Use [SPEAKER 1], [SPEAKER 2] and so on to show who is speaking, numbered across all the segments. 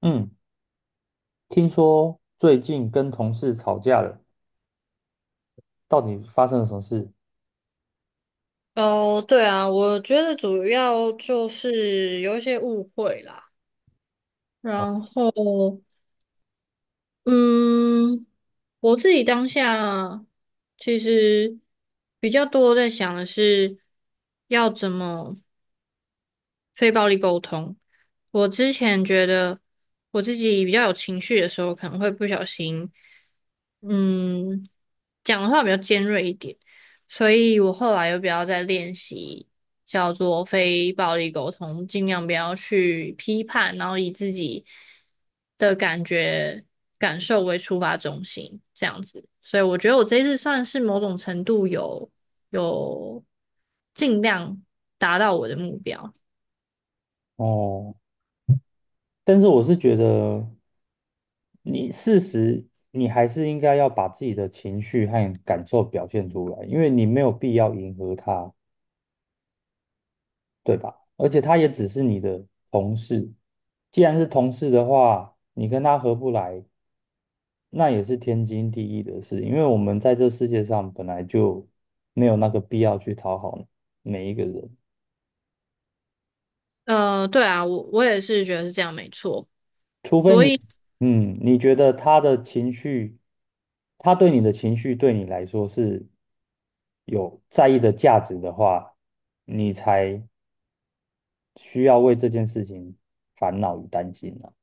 [SPEAKER 1] 嗯，听说最近跟同事吵架了，到底发生了什么事？
[SPEAKER 2] 哦，对啊，我觉得主要就是有一些误会啦，
[SPEAKER 1] 哦，
[SPEAKER 2] 然后，嗯，我自己当下其实比较多在想的是要怎么。非暴力沟通。我之前觉得我自己比较有情绪的时候，可能会不小心，嗯，讲的话比较尖锐一点，所以我后来又比较在练习叫做非暴力沟通，尽量不要去批判，然后以自己的感觉感受为出发中心，这样子。所以我觉得我这一次算是某种程度有有尽量达到我的目标。
[SPEAKER 1] 哦但是我是觉得你事实，你还是应该要把自己的情绪和感受表现出来，因为你没有必要迎合他，对吧？而且他也只是你的同事，既然是同事的话，你跟他合不来，那也是天经地义的事，因为我们在这世界上本来就没有那个必要去讨好每一个人。
[SPEAKER 2] 对啊，我也是觉得是这样，没错。
[SPEAKER 1] 除非
[SPEAKER 2] 所
[SPEAKER 1] 你，
[SPEAKER 2] 以
[SPEAKER 1] 嗯，你觉得他的情绪，他对你的情绪对你来说是有在意的价值的话，你才需要为这件事情烦恼与担心啊。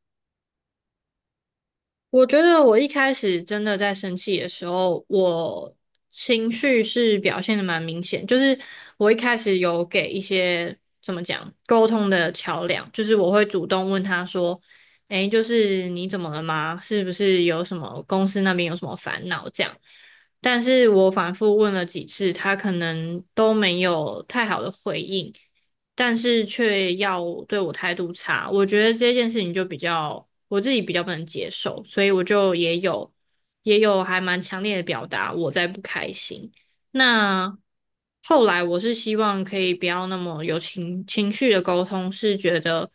[SPEAKER 2] 我觉得我一开始真的在生气的时候，我情绪是表现的蛮明显，就是我一开始有给一些怎么讲沟通的桥梁，就是我会主动问他说：“诶，就是你怎么了吗？是不是有什么公司那边有什么烦恼这样？”但是我反复问了几次，他可能都没有太好的回应。但是却要对我态度差，我觉得这件事情就比较我自己比较不能接受，所以我就也有还蛮强烈的表达我在不开心。那后来我是希望可以不要那么有情绪的沟通，是觉得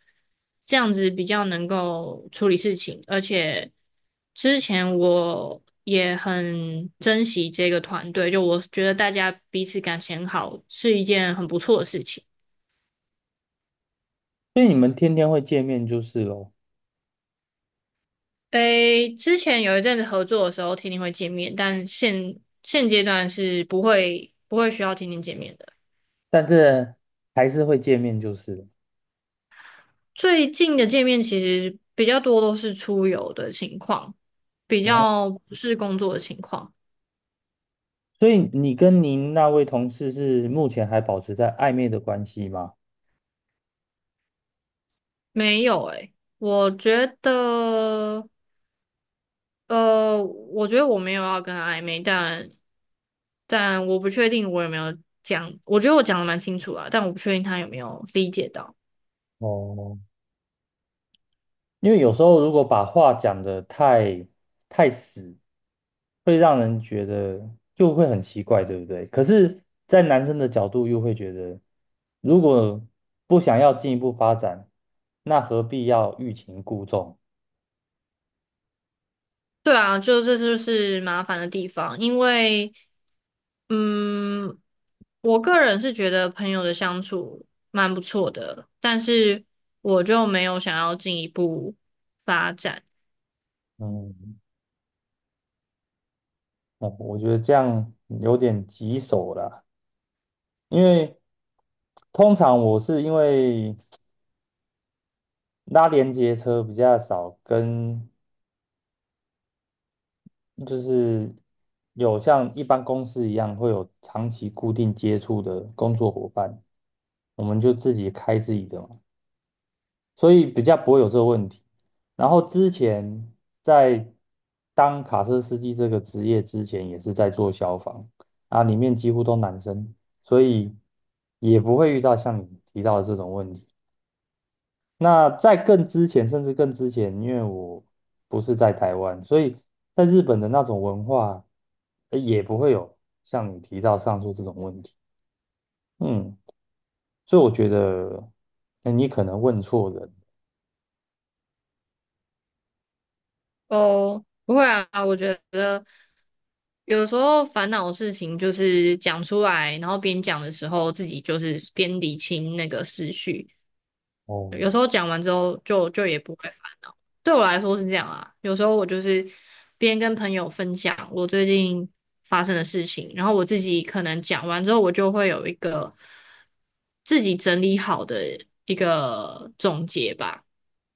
[SPEAKER 2] 这样子比较能够处理事情，而且之前我也很珍惜这个团队，就我觉得大家彼此感情很好是一件很不错的事情。
[SPEAKER 1] 所以你们天天会见面就是咯，
[SPEAKER 2] 诶，之前有一阵子合作的时候，天天会见面，但现阶段是不会需要天天见面的。
[SPEAKER 1] 但是还是会见面就是了。
[SPEAKER 2] 最近的见面其实比较多都是出游的情况，比
[SPEAKER 1] 哦，
[SPEAKER 2] 较不是工作的情况。
[SPEAKER 1] 所以你跟您那位同事是目前还保持在暧昧的关系吗？
[SPEAKER 2] 没有诶，我觉得，我觉得我没有要跟他暧昧，但我不确定我有没有讲，我觉得我讲的蛮清楚啊，但我不确定他有没有理解到。
[SPEAKER 1] 哦，因为有时候如果把话讲得太死，会让人觉得就会很奇怪，对不对？可是，在男生的角度又会觉得，如果不想要进一步发展，那何必要欲擒故纵？
[SPEAKER 2] 对啊，就这就是麻烦的地方，因为，嗯，我个人是觉得朋友的相处蛮不错的，但是我就没有想要进一步发展。
[SPEAKER 1] 嗯，那我觉得这样有点棘手啦，因为通常我是因为拉连接车比较少跟就是有像一般公司一样会有长期固定接触的工作伙伴，我们就自己开自己的嘛，所以比较不会有这个问题。然后之前在当卡车司机这个职业之前，也是在做消防啊，里面几乎都男生，所以也不会遇到像你提到的这种问题。那在更之前，甚至更之前，因为我不是在台湾，所以在日本的那种文化，也不会有像你提到上述这种问题。嗯，所以我觉得，那你可能问错人。
[SPEAKER 2] 哦，不会啊，我觉得有时候烦恼的事情就是讲出来，然后边讲的时候自己就是边理清那个思绪，
[SPEAKER 1] 哦
[SPEAKER 2] 有时候讲完之后就也不会烦。对我来说是这样啊，有时候我就是边跟朋友分享我最近发生的事情，然后我自己可能讲完之后，我就会有一个自己整理好的一个总结吧。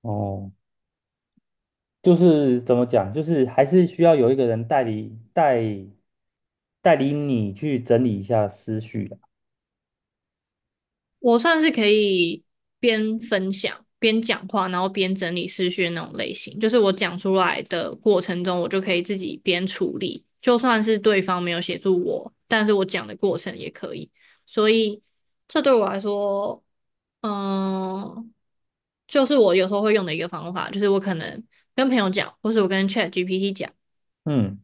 [SPEAKER 1] 哦，就是怎么讲，就是还是需要有一个人代理你去整理一下思绪的。
[SPEAKER 2] 我算是可以边分享边讲话，然后边整理思绪的那种类型。就是我讲出来的过程中，我就可以自己边处理，就算是对方没有协助我，但是我讲的过程也可以。所以这对我来说，嗯，就是我有时候会用的一个方法，就是我可能跟朋友讲，或是我跟 ChatGPT 讲
[SPEAKER 1] 嗯。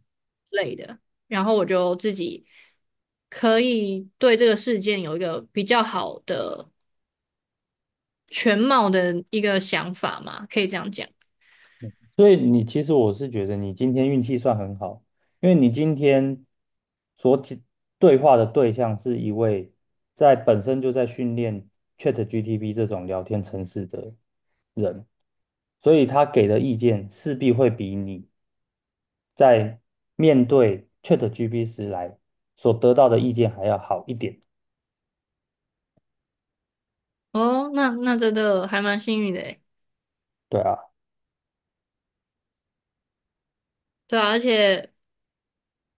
[SPEAKER 2] 类的，然后我就自己可以对这个事件有一个比较好的全貌的一个想法嘛，可以这样讲。
[SPEAKER 1] 所以你其实我是觉得你今天运气算很好，因为你今天所解对话的对象是一位在本身就在训练 ChatGPT 这种聊天程式的人，所以他给的意见势必会比你在面对 ChatGPT 时来所得到的意见还要好一点。
[SPEAKER 2] 哦，那真的还蛮幸运的诶。
[SPEAKER 1] 对啊，
[SPEAKER 2] 对啊，而且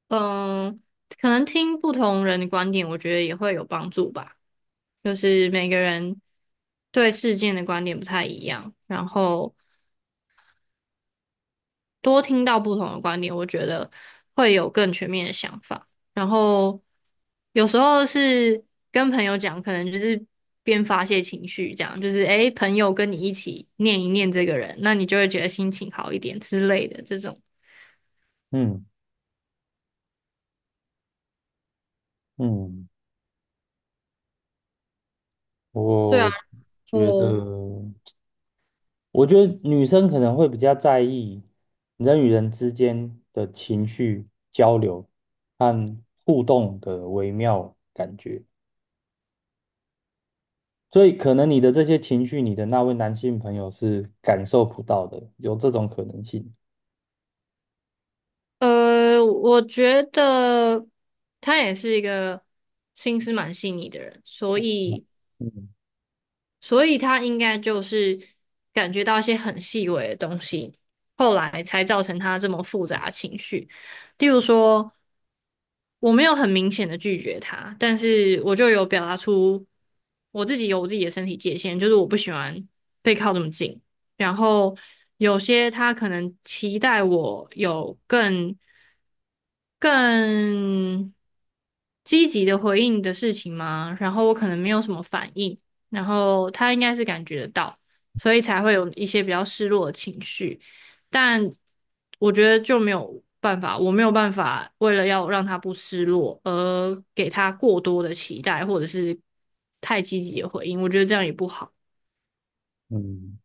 [SPEAKER 2] 嗯，可能听不同人的观点，我觉得也会有帮助吧。就是每个人对事件的观点不太一样，然后多听到不同的观点，我觉得会有更全面的想法。然后有时候是跟朋友讲，可能就是边发泄情绪，这样就是诶，朋友跟你一起念一念这个人，那你就会觉得心情好一点之类的这种。
[SPEAKER 1] 嗯嗯，
[SPEAKER 2] 对啊，
[SPEAKER 1] 我
[SPEAKER 2] 然
[SPEAKER 1] 觉得。
[SPEAKER 2] 后
[SPEAKER 1] 我觉得女生可能会比较在意人与人之间的情绪交流和互动的微妙感觉，所以可能你的这些情绪，你的那位男性朋友是感受不到的，有这种可能性。
[SPEAKER 2] 我觉得他也是一个心思蛮细腻的人，
[SPEAKER 1] 嗯
[SPEAKER 2] 所以他应该就是感觉到一些很细微的东西，后来才造成他这么复杂的情绪。例如说，我没有很明显的拒绝他，但是我就有表达出我自己有我自己的身体界限，就是我不喜欢被靠这么近。然后有些他可能期待我有更积极的回应你的事情吗？然后我可能没有什么反应，然后他应该是感觉得到，所以才会有一些比较失落的情绪。但我觉得就没有办法，我没有办法为了要让他不失落而给他过多的期待，或者是太积极的回应，我觉得这样也不好。
[SPEAKER 1] 嗯，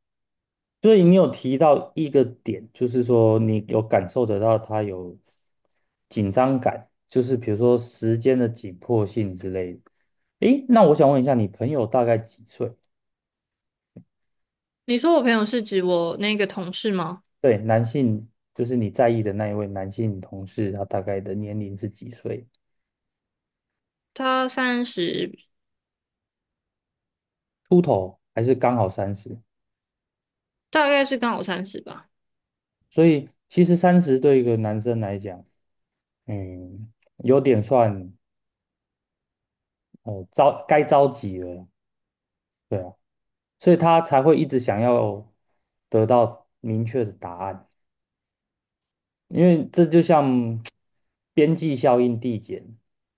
[SPEAKER 1] 所以你有提到一个点，就是说你有感受得到他有紧张感，就是比如说时间的紧迫性之类的。诶，那我想问一下，你朋友大概几岁？
[SPEAKER 2] 你说我朋友是指我那个同事吗？
[SPEAKER 1] 对，男性就是你在意的那一位男性同事，他大概的年龄是几岁？
[SPEAKER 2] 他三十，
[SPEAKER 1] 秃头还是刚好三十？
[SPEAKER 2] 大概是刚好三十吧，
[SPEAKER 1] 所以其实三十对一个男生来讲，嗯，有点算着急了。对啊，所以他才会一直想要得到明确的答案。因为这就像边际效应递减，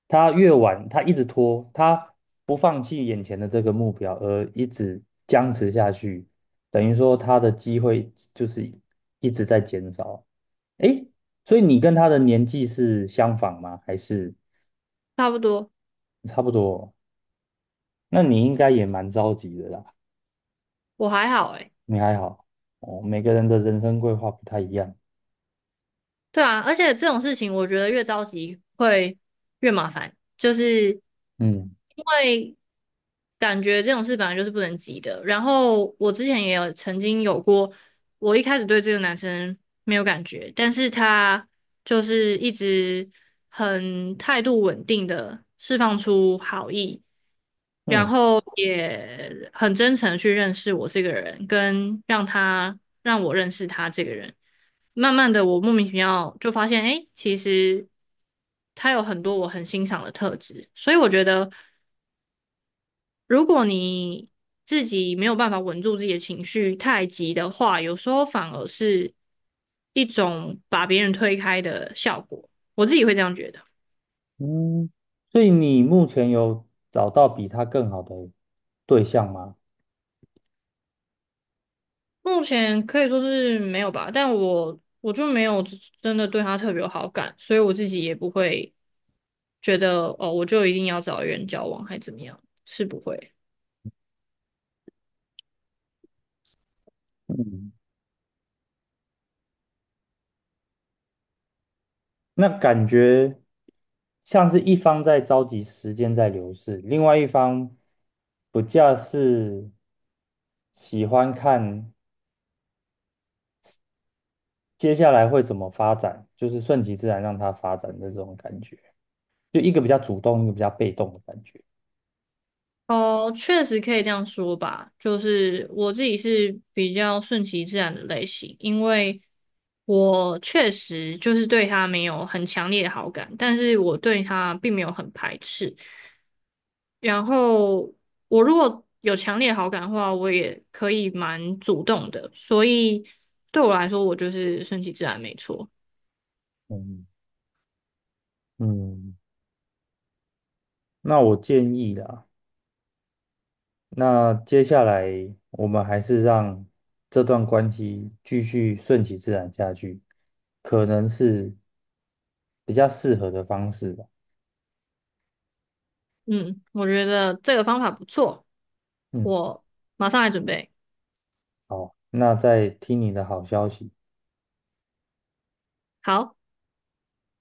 [SPEAKER 1] 他越晚，他一直拖，他不放弃眼前的这个目标，而一直僵持下去，等于说他的机会就是一直在减少。诶，所以你跟他的年纪是相仿吗？还是
[SPEAKER 2] 差不多。
[SPEAKER 1] 差不多？那你应该也蛮着急的啦，
[SPEAKER 2] 我还好诶。
[SPEAKER 1] 你还好哦。每个人的人生规划不太一样，
[SPEAKER 2] 对啊，而且这种事情我觉得越着急会越麻烦，就是
[SPEAKER 1] 嗯
[SPEAKER 2] 因为感觉这种事本来就是不能急的。然后我之前也有曾经有过我一开始对这个男生没有感觉，但是他就是一直很态度稳定的释放出好意，然
[SPEAKER 1] 嗯。
[SPEAKER 2] 后也很真诚的去认识我这个人，跟让他让我认识他这个人。慢慢的，我莫名其妙就发现，哎，其实他有很多我很欣赏的特质，所以我觉得。如果你自己没有办法稳住自己的情绪，太急的话，有时候反而是一种把别人推开的效果。我自己会这样觉得。
[SPEAKER 1] 嗯，所以你目前有找到比他更好的对象吗？
[SPEAKER 2] 目前可以说是没有吧，但我就没有真的对他特别有好感，所以我自己也不会觉得哦，我就一定要找一个人交往还怎么样，是不会。
[SPEAKER 1] 嗯，那感觉像是一方在着急时间在流逝，另外一方不假是喜欢看接下来会怎么发展，就是顺其自然让他发展的这种感觉，就一个比较主动，一个比较被动的感觉。
[SPEAKER 2] 哦，确实可以这样说吧。就是我自己是比较顺其自然的类型，因为我确实就是对他没有很强烈的好感，但是我对他并没有很排斥。然后我如果有强烈的好感的话，我也可以蛮主动的，所以对我来说，我就是顺其自然，没错。
[SPEAKER 1] 嗯嗯，那我建议啦。那接下来我们还是让这段关系继续顺其自然下去，可能是比较适合的方式吧。
[SPEAKER 2] 嗯，我觉得这个方法不错，
[SPEAKER 1] 嗯，
[SPEAKER 2] 我马上来准备。
[SPEAKER 1] 好，那再听你的好消息。
[SPEAKER 2] 好。